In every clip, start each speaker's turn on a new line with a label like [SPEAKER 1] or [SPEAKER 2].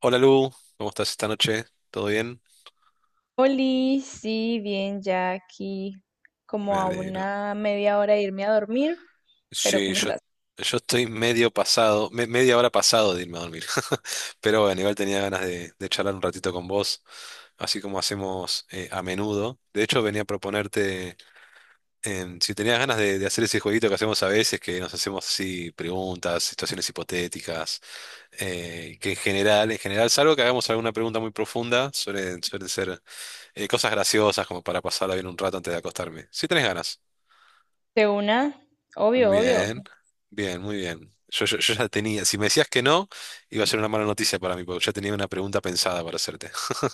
[SPEAKER 1] Hola Lu, ¿cómo estás esta noche? ¿Todo bien?
[SPEAKER 2] Oli, sí, bien, ya aquí
[SPEAKER 1] Me
[SPEAKER 2] como a
[SPEAKER 1] alegro.
[SPEAKER 2] una media hora de irme a dormir, pero
[SPEAKER 1] Sí,
[SPEAKER 2] ¿cómo
[SPEAKER 1] yo,
[SPEAKER 2] estás?
[SPEAKER 1] yo estoy medio pasado, media hora pasado de irme a dormir. Pero bueno, igual tenía ganas de charlar un ratito con vos, así como hacemos a menudo. De hecho, venía a proponerte si tenías ganas de hacer ese jueguito que hacemos a veces, que nos hacemos así preguntas, situaciones hipotéticas, que en general, salvo que hagamos alguna pregunta muy profunda, suelen ser cosas graciosas como para pasarla bien un rato antes de acostarme. Si tenés ganas.
[SPEAKER 2] De una, obvio, obvio,
[SPEAKER 1] Bien, bien, muy bien. Yo ya tenía, si me decías que no, iba a ser una mala noticia para mí, porque ya tenía una pregunta pensada para hacerte.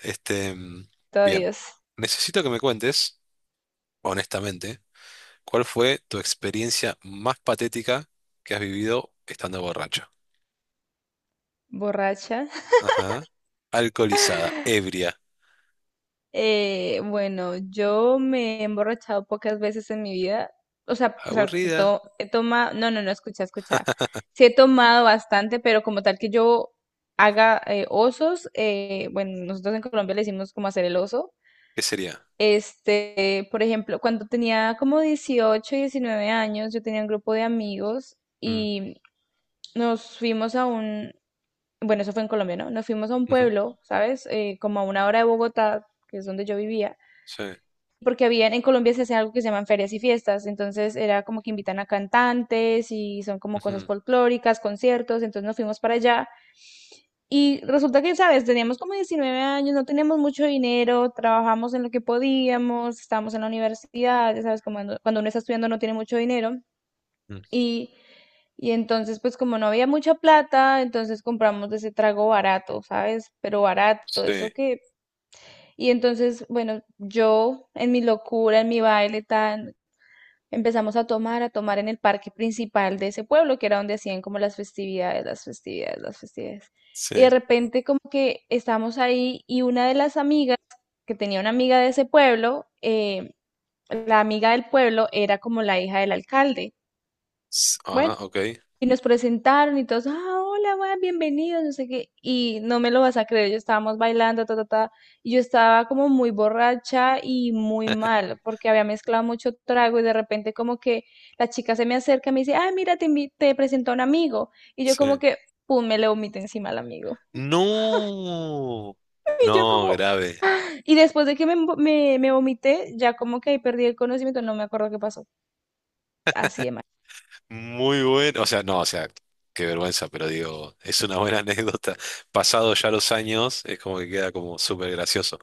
[SPEAKER 1] Este,
[SPEAKER 2] todavía
[SPEAKER 1] bien,
[SPEAKER 2] es
[SPEAKER 1] necesito que me cuentes, honestamente, ¿cuál fue tu experiencia más patética que has vivido estando borracho?
[SPEAKER 2] borracha.
[SPEAKER 1] Ajá. Alcoholizada, ebria,
[SPEAKER 2] Bueno, yo me he emborrachado pocas veces en mi vida, o sea,
[SPEAKER 1] aburrida,
[SPEAKER 2] he tomado, no, no, no, escucha, escucha, sí he tomado bastante, pero como tal que yo haga osos, bueno, nosotros en Colombia le decimos como hacer el oso.
[SPEAKER 1] ¿qué sería?
[SPEAKER 2] Por ejemplo, cuando tenía como 18 19 años, yo tenía un grupo de amigos
[SPEAKER 1] Mm.
[SPEAKER 2] y nos fuimos a un, bueno, eso fue en Colombia, ¿no? Nos fuimos a un
[SPEAKER 1] Ujú.
[SPEAKER 2] pueblo, ¿sabes? Como a una hora de Bogotá, que es donde yo vivía,
[SPEAKER 1] Sí.
[SPEAKER 2] porque había, en Colombia se hace algo que se llaman ferias y fiestas, entonces era como que invitan a cantantes y son como cosas
[SPEAKER 1] Ujú.
[SPEAKER 2] folclóricas, conciertos, entonces nos fuimos para allá y resulta que, ¿sabes? Teníamos como 19 años, no teníamos mucho dinero, trabajamos en lo que podíamos, estábamos en la universidad, ya ¿sabes? Como cuando uno está estudiando no tiene mucho dinero.
[SPEAKER 1] Mm.
[SPEAKER 2] Y, y entonces, pues como no había mucha plata, entonces compramos de ese trago barato, ¿sabes? Pero barato,
[SPEAKER 1] Sí,
[SPEAKER 2] eso que. Y entonces, bueno, yo en mi locura, en mi baile tan. Empezamos a tomar en el parque principal de ese pueblo, que era donde hacían como las festividades, las festividades, las festividades. Y de
[SPEAKER 1] sí.
[SPEAKER 2] repente como que estábamos ahí y una de las amigas, que tenía una amiga de ese pueblo, la amiga del pueblo era como la hija del alcalde. Bueno,
[SPEAKER 1] Ah, ok.
[SPEAKER 2] y nos presentaron y todos, ah, hola, weón, bienvenidos, no sé qué. Y no me lo vas a creer, yo estábamos bailando, ta, ta, ta. Y yo estaba como muy borracha y muy mal, porque había mezclado mucho trago y de repente como que la chica se me acerca y me dice, ah, mira, te, invi- te presento a un amigo. Y yo como
[SPEAKER 1] Sí.
[SPEAKER 2] que, pum, me le vomité encima al amigo.
[SPEAKER 1] No,
[SPEAKER 2] Y yo
[SPEAKER 1] no,
[SPEAKER 2] como,
[SPEAKER 1] grave.
[SPEAKER 2] y después de que me vomité, ya como que ahí perdí el conocimiento, no me acuerdo qué pasó. Así de mal.
[SPEAKER 1] Muy bueno. O sea, no, o sea, qué vergüenza, pero digo, es una buena anécdota. Pasado ya los años, es como que queda como súper gracioso.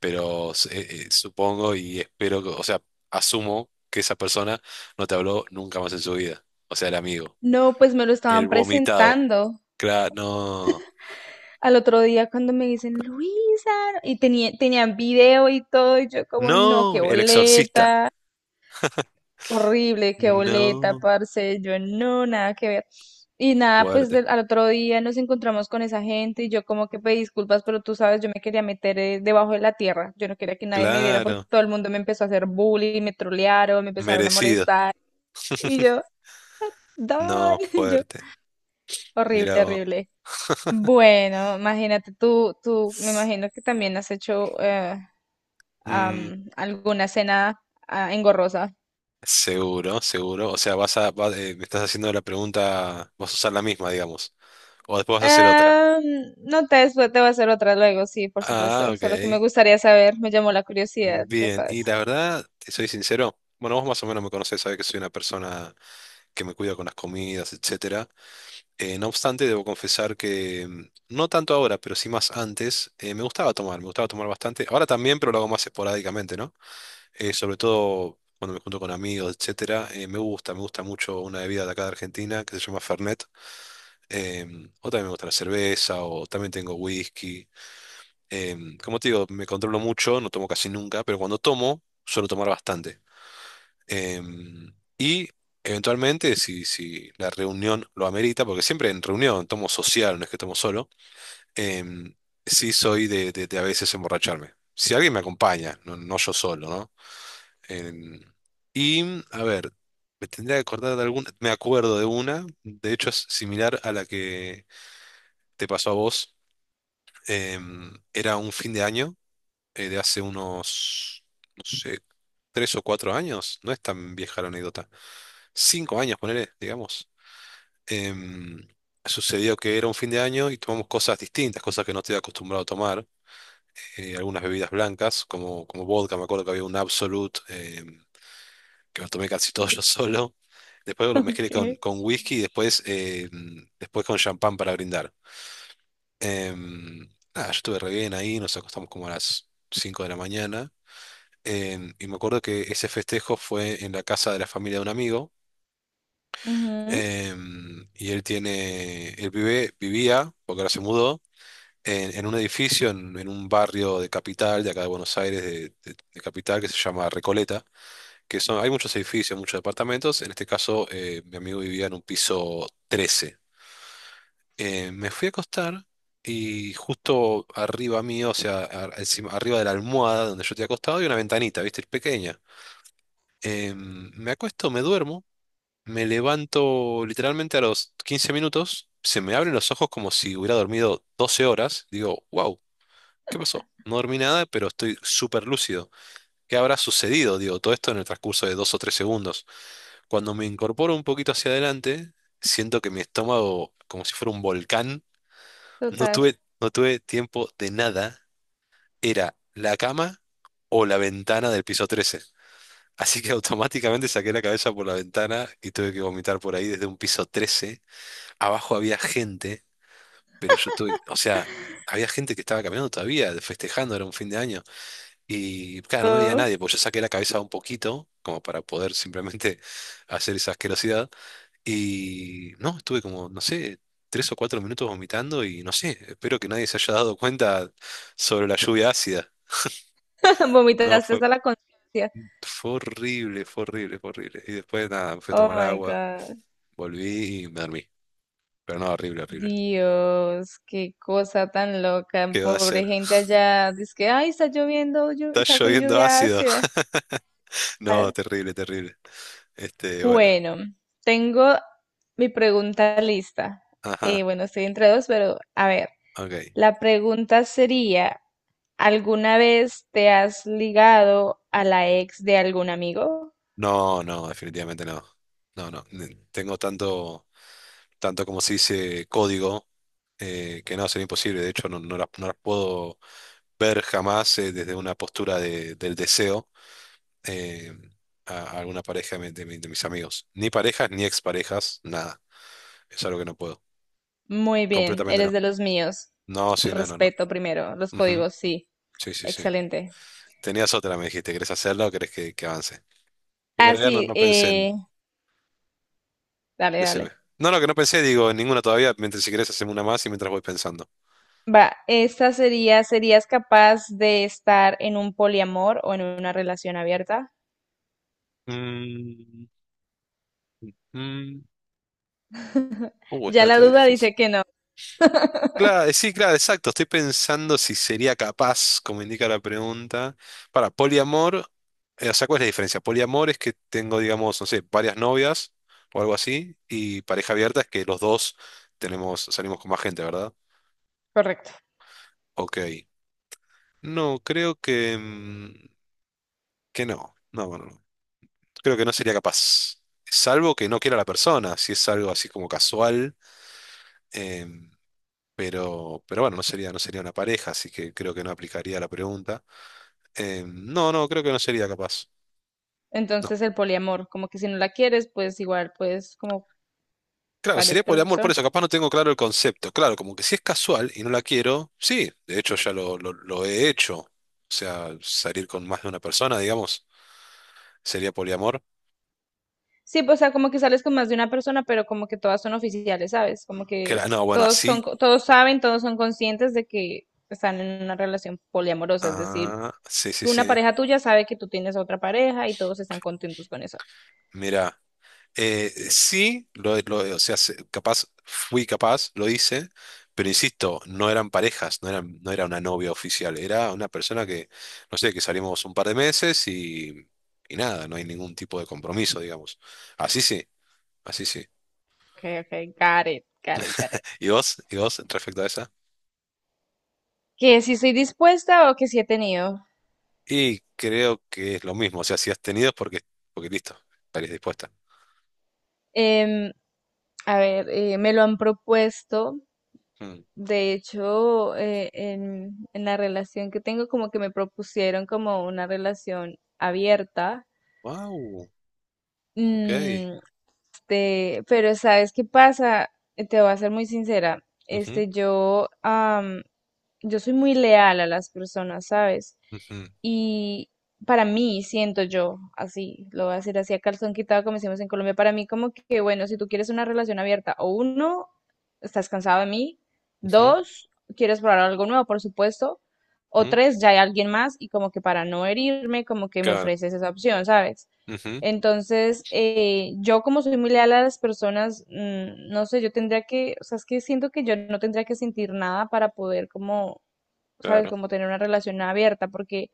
[SPEAKER 1] Pero supongo y espero que, o sea, asumo que esa persona no te habló nunca más en su vida. O sea, el amigo.
[SPEAKER 2] No, pues me lo estaban
[SPEAKER 1] El vomitado.
[SPEAKER 2] presentando.
[SPEAKER 1] Claro, no.
[SPEAKER 2] Al otro día cuando me dicen, Luisa, y tenía, tenían video y todo, y yo como, no,
[SPEAKER 1] No,
[SPEAKER 2] qué
[SPEAKER 1] el exorcista.
[SPEAKER 2] boleta, horrible, qué boleta,
[SPEAKER 1] No,
[SPEAKER 2] parce, yo no, nada que ver. Y nada, pues
[SPEAKER 1] fuerte.
[SPEAKER 2] al otro día nos encontramos con esa gente y yo como que pedí disculpas, pero tú sabes, yo me quería meter debajo de la tierra, yo no quería que nadie me viera porque
[SPEAKER 1] Claro,
[SPEAKER 2] todo el mundo me empezó a hacer bullying, me trolearon, me empezaron a
[SPEAKER 1] merecido.
[SPEAKER 2] molestar, y yo, Don,
[SPEAKER 1] No,
[SPEAKER 2] yo,
[SPEAKER 1] fuerte.
[SPEAKER 2] horrible,
[SPEAKER 1] Mirá vos.
[SPEAKER 2] horrible. Bueno, imagínate tú, me imagino que también has hecho
[SPEAKER 1] Mm,
[SPEAKER 2] alguna cena engorrosa.
[SPEAKER 1] seguro, seguro. O sea, me estás haciendo la pregunta, vas a usar la misma, digamos. O después vas a hacer otra.
[SPEAKER 2] Ah, no te, después te voy a hacer otra luego, sí, por
[SPEAKER 1] Ah,
[SPEAKER 2] supuesto. Solo que me
[SPEAKER 1] ok.
[SPEAKER 2] gustaría saber, me llamó la curiosidad, ya
[SPEAKER 1] Bien.
[SPEAKER 2] sabes.
[SPEAKER 1] Y la verdad, te soy sincero. Bueno, vos más o menos me conocés, sabés que soy una persona que me cuida con las comidas, etcétera. No obstante, debo confesar que no tanto ahora, pero sí más antes, me gustaba tomar bastante. Ahora también, pero lo hago más esporádicamente, ¿no? Sobre todo cuando me junto con amigos, etcétera, me gusta mucho una bebida de acá de Argentina que se llama Fernet, o también me gusta la cerveza, o también tengo whisky. Como te digo, me controlo mucho, no tomo casi nunca, pero cuando tomo, suelo tomar bastante. Em, y eventualmente, si la reunión lo amerita, porque siempre en reunión tomo social, no es que tomo solo. em, sí soy de a veces emborracharme. Si alguien me acompaña, no, no yo solo, ¿no? Em, y, a ver, me tendría que acordar de alguna, me acuerdo de una, de hecho es similar a la que te pasó a vos. Era un fin de año de hace unos, no sé, 3 o 4 años, no es tan vieja la anécdota, 5 años, ponele, digamos. Em, Sucedió que era un fin de año y tomamos cosas distintas, cosas que no estoy acostumbrado a tomar, algunas bebidas blancas, como vodka. Me acuerdo que había un Absolut, que los tomé casi todos yo solo. Después los
[SPEAKER 2] Ok.
[SPEAKER 1] mezclé con whisky y después, después con champán para brindar. Em, Nada, yo estuve re bien ahí, nos acostamos como a las 5 de la mañana. Y me acuerdo que ese festejo fue en la casa de la familia de un amigo.
[SPEAKER 2] Ujú,
[SPEAKER 1] Y él tiene, él vive, vivía, porque ahora se mudó, en un edificio, en un barrio de capital, de acá de Buenos Aires, de capital, que se llama Recoleta. Que son, hay muchos edificios, muchos departamentos. En este caso, mi amigo vivía en un piso 13. Me fui a acostar y justo arriba mío, o sea, arriba de la almohada donde yo te acostado, hay una ventanita, ¿viste? Pequeña. Me acuesto, me duermo, me levanto literalmente a los 15 minutos, se me abren los ojos como si hubiera dormido 12 horas. Digo, wow, ¿qué pasó? No dormí nada, pero estoy súper lúcido. ¿Qué habrá sucedido? Digo, todo esto en el transcurso de 2 o 3 segundos. Cuando me incorporo un poquito hacia adelante, siento que mi estómago, como si fuera un volcán, no
[SPEAKER 2] total.
[SPEAKER 1] tuve, no tuve tiempo de nada. Era la cama o la ventana del piso 13. Así que automáticamente saqué la cabeza por la ventana y tuve que vomitar por ahí desde un piso 13. Abajo había gente, pero yo tuve, o sea, había gente que estaba caminando todavía, festejando, era un fin de año. Y claro, no me veía nadie, pues yo saqué la cabeza un poquito, como para poder simplemente hacer esa asquerosidad. Y no, estuve como, no sé, 3 o 4 minutos vomitando y no sé, espero que nadie se haya dado cuenta sobre la lluvia ácida. No,
[SPEAKER 2] Vomitaste
[SPEAKER 1] fue,
[SPEAKER 2] hasta la conciencia.
[SPEAKER 1] fue horrible, fue horrible, fue horrible. Y después nada, me fui a
[SPEAKER 2] Oh
[SPEAKER 1] tomar
[SPEAKER 2] my
[SPEAKER 1] agua,
[SPEAKER 2] God.
[SPEAKER 1] volví y me dormí. Pero no, horrible, horrible.
[SPEAKER 2] Dios, qué cosa tan loca.
[SPEAKER 1] ¿Qué va a
[SPEAKER 2] Pobre
[SPEAKER 1] hacer?
[SPEAKER 2] gente allá. Dice que, ay, está lloviendo,
[SPEAKER 1] Está
[SPEAKER 2] está con
[SPEAKER 1] lloviendo
[SPEAKER 2] lluvia
[SPEAKER 1] ácido.
[SPEAKER 2] ácida. Ah,
[SPEAKER 1] No, terrible, terrible. Este, bueno.
[SPEAKER 2] Bueno, tengo mi pregunta lista.
[SPEAKER 1] Ajá,
[SPEAKER 2] Bueno, estoy entre dos, pero a ver,
[SPEAKER 1] ok.
[SPEAKER 2] la pregunta sería, ¿alguna vez te has ligado a la ex de algún amigo?
[SPEAKER 1] No, no, definitivamente no. No, no. Tengo tanto, tanto como se dice código, que no, sería imposible. De hecho, no, no las puedo ver jamás desde una postura del deseo, eh, a alguna pareja de mis amigos. Ni parejas, ni exparejas, nada. Es algo que no puedo.
[SPEAKER 2] Muy bien,
[SPEAKER 1] Completamente no.
[SPEAKER 2] eres de los míos.
[SPEAKER 1] No, sí,
[SPEAKER 2] El
[SPEAKER 1] no, no, no.
[SPEAKER 2] respeto primero, los
[SPEAKER 1] Ujú.
[SPEAKER 2] códigos, sí.
[SPEAKER 1] Sí, sí, sí.
[SPEAKER 2] Excelente.
[SPEAKER 1] Tenías otra, me dijiste. ¿Querés hacerla o querés que avance? Porque en
[SPEAKER 2] Ah,
[SPEAKER 1] realidad no,
[SPEAKER 2] sí,
[SPEAKER 1] no pensé en...
[SPEAKER 2] dale,
[SPEAKER 1] Decime.
[SPEAKER 2] dale.
[SPEAKER 1] No, lo que no pensé, digo, en ninguna todavía. Mientras, si querés hacemos una más y mientras voy pensando.
[SPEAKER 2] Va, esta sería, ¿serías capaz de estar en un poliamor o en una relación abierta?
[SPEAKER 1] Mm, mm, está,
[SPEAKER 2] Ya la
[SPEAKER 1] está
[SPEAKER 2] duda
[SPEAKER 1] difícil.
[SPEAKER 2] dice que no.
[SPEAKER 1] Claro, sí, claro, exacto. Estoy pensando si sería capaz, como indica la pregunta. Poliamor, o sea, ¿cuál es la diferencia? Poliamor es que tengo, digamos, no sé, varias novias o algo así, y pareja abierta es que los dos tenemos, salimos con más gente, ¿verdad?
[SPEAKER 2] Correcto.
[SPEAKER 1] Ok. No, creo que no. No, bueno no. Creo que no sería capaz. Salvo que no quiera la persona, si es algo así como casual. em, pero bueno, no sería una pareja, así que creo que no aplicaría la pregunta. No, no, creo que no sería capaz. No.
[SPEAKER 2] Entonces el poliamor, como que si no la quieres, pues igual pues como
[SPEAKER 1] Claro,
[SPEAKER 2] varias
[SPEAKER 1] sería por amor, por
[SPEAKER 2] personas.
[SPEAKER 1] eso, capaz no tengo claro el concepto. Claro, como que si es casual y no la quiero, sí, de hecho ya lo he hecho. O sea, salir con más de una persona, digamos, sería poliamor.
[SPEAKER 2] Sí, pues, o sea, como que sales con más de una persona, pero como que todas son oficiales, ¿sabes? Como que
[SPEAKER 1] No, bueno,
[SPEAKER 2] todos
[SPEAKER 1] así.
[SPEAKER 2] son, todos saben, todos son conscientes de que están en una relación poliamorosa, es decir,
[SPEAKER 1] Ah, sí, sí,
[SPEAKER 2] una
[SPEAKER 1] sí.
[SPEAKER 2] pareja tuya sabe que tú tienes otra pareja y todos están contentos con eso.
[SPEAKER 1] Mira. Sí, o sea, capaz, fui capaz, lo hice, pero insisto, no eran parejas, no eran, no era una novia oficial, era una persona que, no sé, que salimos un par de meses y nada, no hay ningún tipo de compromiso, digamos. Así sí, así sí.
[SPEAKER 2] Ok, ok, got it, got it, got it.
[SPEAKER 1] ¿Y vos? ¿Y vos respecto a esa?
[SPEAKER 2] Que si soy dispuesta o que si he tenido.
[SPEAKER 1] Y creo que es lo mismo, o sea, si has tenido es porque, listo, estarías dispuesta.
[SPEAKER 2] Em, a ver, me lo han propuesto. De hecho, en la relación que tengo, como que me propusieron como una relación abierta.
[SPEAKER 1] Wow, ok.
[SPEAKER 2] Mm, pero ¿sabes qué pasa? Te voy a ser muy sincera.
[SPEAKER 1] Ujú,
[SPEAKER 2] Yo soy muy leal a las personas, ¿sabes?
[SPEAKER 1] ujú,
[SPEAKER 2] Y para mí, siento yo, así, lo voy a decir así a calzón quitado, como decimos en Colombia, para mí como que, bueno, si tú quieres una relación abierta, o uno, estás cansado de mí,
[SPEAKER 1] ujú,
[SPEAKER 2] dos, quieres probar algo nuevo, por supuesto, o
[SPEAKER 1] ujú.
[SPEAKER 2] tres, ya hay alguien más y como que para no herirme, como que me
[SPEAKER 1] Claro,
[SPEAKER 2] ofreces esa opción, ¿sabes?
[SPEAKER 1] ujú,
[SPEAKER 2] Entonces, yo como soy muy leal a las personas, no sé, yo tendría que, o sea, es que siento que yo no tendría que sentir nada para poder como, sabes,
[SPEAKER 1] claro,
[SPEAKER 2] como tener una relación abierta, porque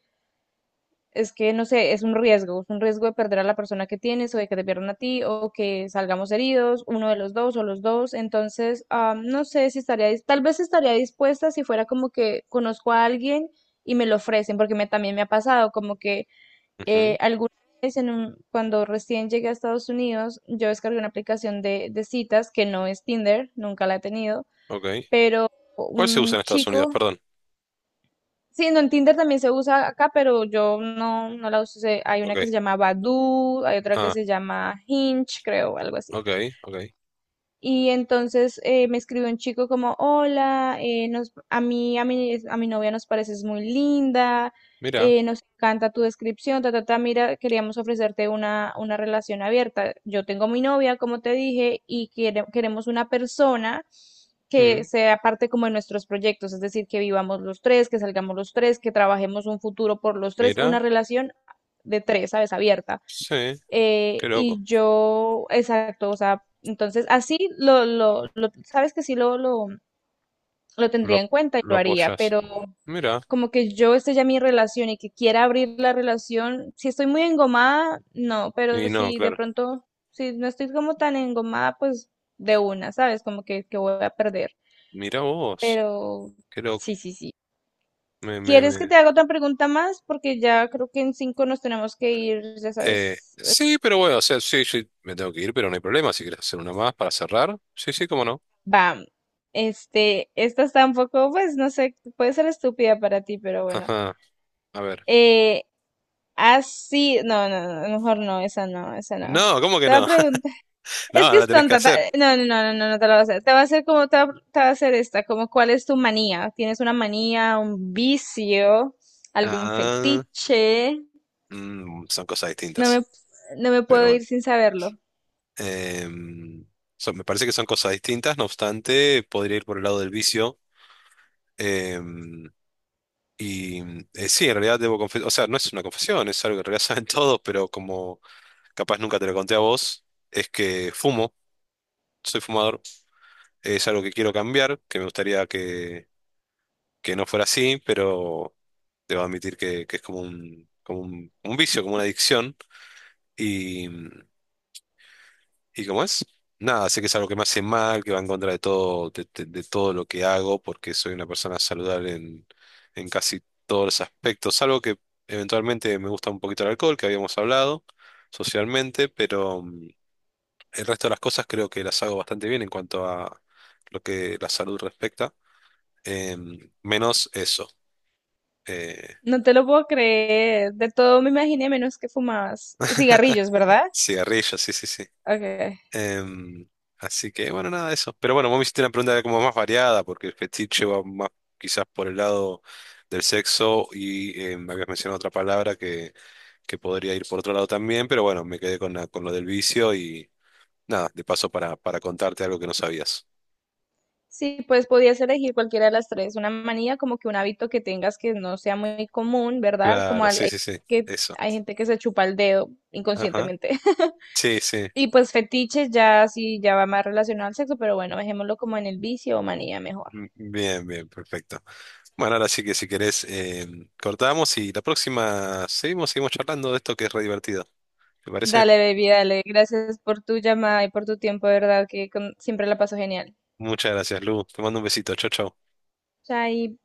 [SPEAKER 2] es que, no sé, es un riesgo de perder a la persona que tienes o de que te pierdan a ti o que salgamos heridos, uno de los dos o los dos. Entonces, no sé si estaría, tal vez estaría dispuesta si fuera como que conozco a alguien y me lo ofrecen, porque me, también me ha pasado como que
[SPEAKER 1] ujú,
[SPEAKER 2] alguna vez en cuando recién llegué a Estados Unidos, yo descargué una aplicación de citas que no es Tinder, nunca la he tenido,
[SPEAKER 1] ok.
[SPEAKER 2] pero
[SPEAKER 1] ¿Cuál se
[SPEAKER 2] un
[SPEAKER 1] usa en Estados Unidos?
[SPEAKER 2] chico,
[SPEAKER 1] Perdón.
[SPEAKER 2] sí, no, en Tinder también se usa acá, pero yo no, no la uso. Hay
[SPEAKER 1] Ok.
[SPEAKER 2] una que se llama Badoo, hay otra que
[SPEAKER 1] Ah,
[SPEAKER 2] se llama Hinge, creo, algo así.
[SPEAKER 1] ok, ok.
[SPEAKER 2] Y entonces me escribió un chico como, hola, nos, a mí, a mi novia nos pareces muy linda,
[SPEAKER 1] Mira.
[SPEAKER 2] nos encanta tu descripción, ta, ta, ta, mira, queríamos ofrecerte una relación abierta. Yo tengo mi novia, como te dije, y queremos una persona que
[SPEAKER 1] mm,
[SPEAKER 2] sea parte como de nuestros proyectos, es decir, que vivamos los tres, que salgamos los tres, que trabajemos un futuro por los tres, una
[SPEAKER 1] Mira.
[SPEAKER 2] relación de tres, ¿sabes? Abierta
[SPEAKER 1] Sí. Qué loco.
[SPEAKER 2] y yo, exacto, o sea, entonces así sabes que sí lo tendría
[SPEAKER 1] Lo,
[SPEAKER 2] en cuenta y
[SPEAKER 1] lo
[SPEAKER 2] lo haría,
[SPEAKER 1] apoyas.
[SPEAKER 2] pero
[SPEAKER 1] Mira.
[SPEAKER 2] como que yo esté ya mi relación y que quiera abrir la relación, si estoy muy engomada, no, pero
[SPEAKER 1] Y no,
[SPEAKER 2] si de
[SPEAKER 1] claro.
[SPEAKER 2] pronto, si no estoy como tan engomada, pues de una, ¿sabes? Como que voy a perder,
[SPEAKER 1] Mira vos.
[SPEAKER 2] pero
[SPEAKER 1] Qué loco.
[SPEAKER 2] sí, sí, sí.
[SPEAKER 1] Me, me,
[SPEAKER 2] ¿Quieres que
[SPEAKER 1] me.
[SPEAKER 2] te haga otra pregunta más? Porque ya creo que en cinco nos tenemos que ir, ya sabes.
[SPEAKER 1] Sí, pero bueno, o sea, sí, sí, me tengo que ir, pero no hay problema. Si quieres hacer una más para cerrar. Sí, sí, cómo no.
[SPEAKER 2] Bam. Esta está un poco, pues, no sé, puede ser estúpida para ti, pero bueno.
[SPEAKER 1] Ajá. A ver.
[SPEAKER 2] Eh, Así, no, no, no, mejor no, esa no, esa no.
[SPEAKER 1] No, ¿cómo que
[SPEAKER 2] Te voy a
[SPEAKER 1] no?
[SPEAKER 2] preguntar, es
[SPEAKER 1] No,
[SPEAKER 2] que
[SPEAKER 1] no la
[SPEAKER 2] es
[SPEAKER 1] tenés que
[SPEAKER 2] tonta,
[SPEAKER 1] hacer.
[SPEAKER 2] no, no, no, no, no, no te la voy a hacer. Te va a hacer como, te va a hacer esta, como, ¿cuál es tu manía? ¿Tienes una manía, un vicio, algún
[SPEAKER 1] Ah,
[SPEAKER 2] fetiche?
[SPEAKER 1] son cosas
[SPEAKER 2] No me,
[SPEAKER 1] distintas.
[SPEAKER 2] no me
[SPEAKER 1] Pero
[SPEAKER 2] puedo
[SPEAKER 1] bueno.
[SPEAKER 2] ir sin saberlo.
[SPEAKER 1] Em, me parece que son cosas distintas, no obstante, podría ir por el lado del vicio. em, y sí, en realidad debo confesar, o sea, no es una confesión, es algo que en realidad saben todos, pero como capaz nunca te lo conté a vos, es que fumo, soy fumador, es algo que quiero cambiar, que me gustaría que no fuera así, pero debo admitir que es como un vicio, como una adicción. ¿Y cómo es? Nada, sé que es algo que me hace mal, que va en contra de todo, de todo lo que hago, porque soy una persona saludable en casi todos los aspectos, salvo que eventualmente me gusta un poquito el alcohol, que habíamos hablado socialmente, pero el resto de las cosas creo que las hago bastante bien en cuanto a lo que la salud respecta, menos eso, eh,
[SPEAKER 2] No te lo puedo creer. De todo me imaginé menos que fumabas cigarrillos, ¿verdad?
[SPEAKER 1] cigarrillos, sí, sí, sí.
[SPEAKER 2] Ok.
[SPEAKER 1] Em, así que, bueno, nada de eso. Pero bueno, vos me hiciste una pregunta como más variada, porque el fetiche va más quizás por el lado del sexo y me habías mencionado otra palabra que podría ir por otro lado también, pero bueno, me quedé con lo del vicio y nada, de paso para contarte algo que no sabías.
[SPEAKER 2] Sí, pues podías elegir cualquiera de las tres, una manía como que un hábito que tengas que no sea muy común, ¿verdad? Como
[SPEAKER 1] Claro, sí, sí, sí,
[SPEAKER 2] que
[SPEAKER 1] eso.
[SPEAKER 2] hay gente que se chupa el dedo
[SPEAKER 1] Ajá.
[SPEAKER 2] inconscientemente.
[SPEAKER 1] Sí, sí.
[SPEAKER 2] Y pues fetiches ya sí ya va más relacionado al sexo, pero bueno, dejémoslo como en el vicio o manía mejor.
[SPEAKER 1] Bien, bien, perfecto. Bueno, ahora sí que si querés, cortamos y la próxima seguimos, charlando de esto que es re divertido. ¿Te parece?
[SPEAKER 2] Dale, baby, dale. Gracias por tu llamada y por tu tiempo, de verdad que siempre la paso genial.
[SPEAKER 1] Muchas gracias, Lu. Te mando un besito. Chao, chao.
[SPEAKER 2] Chai.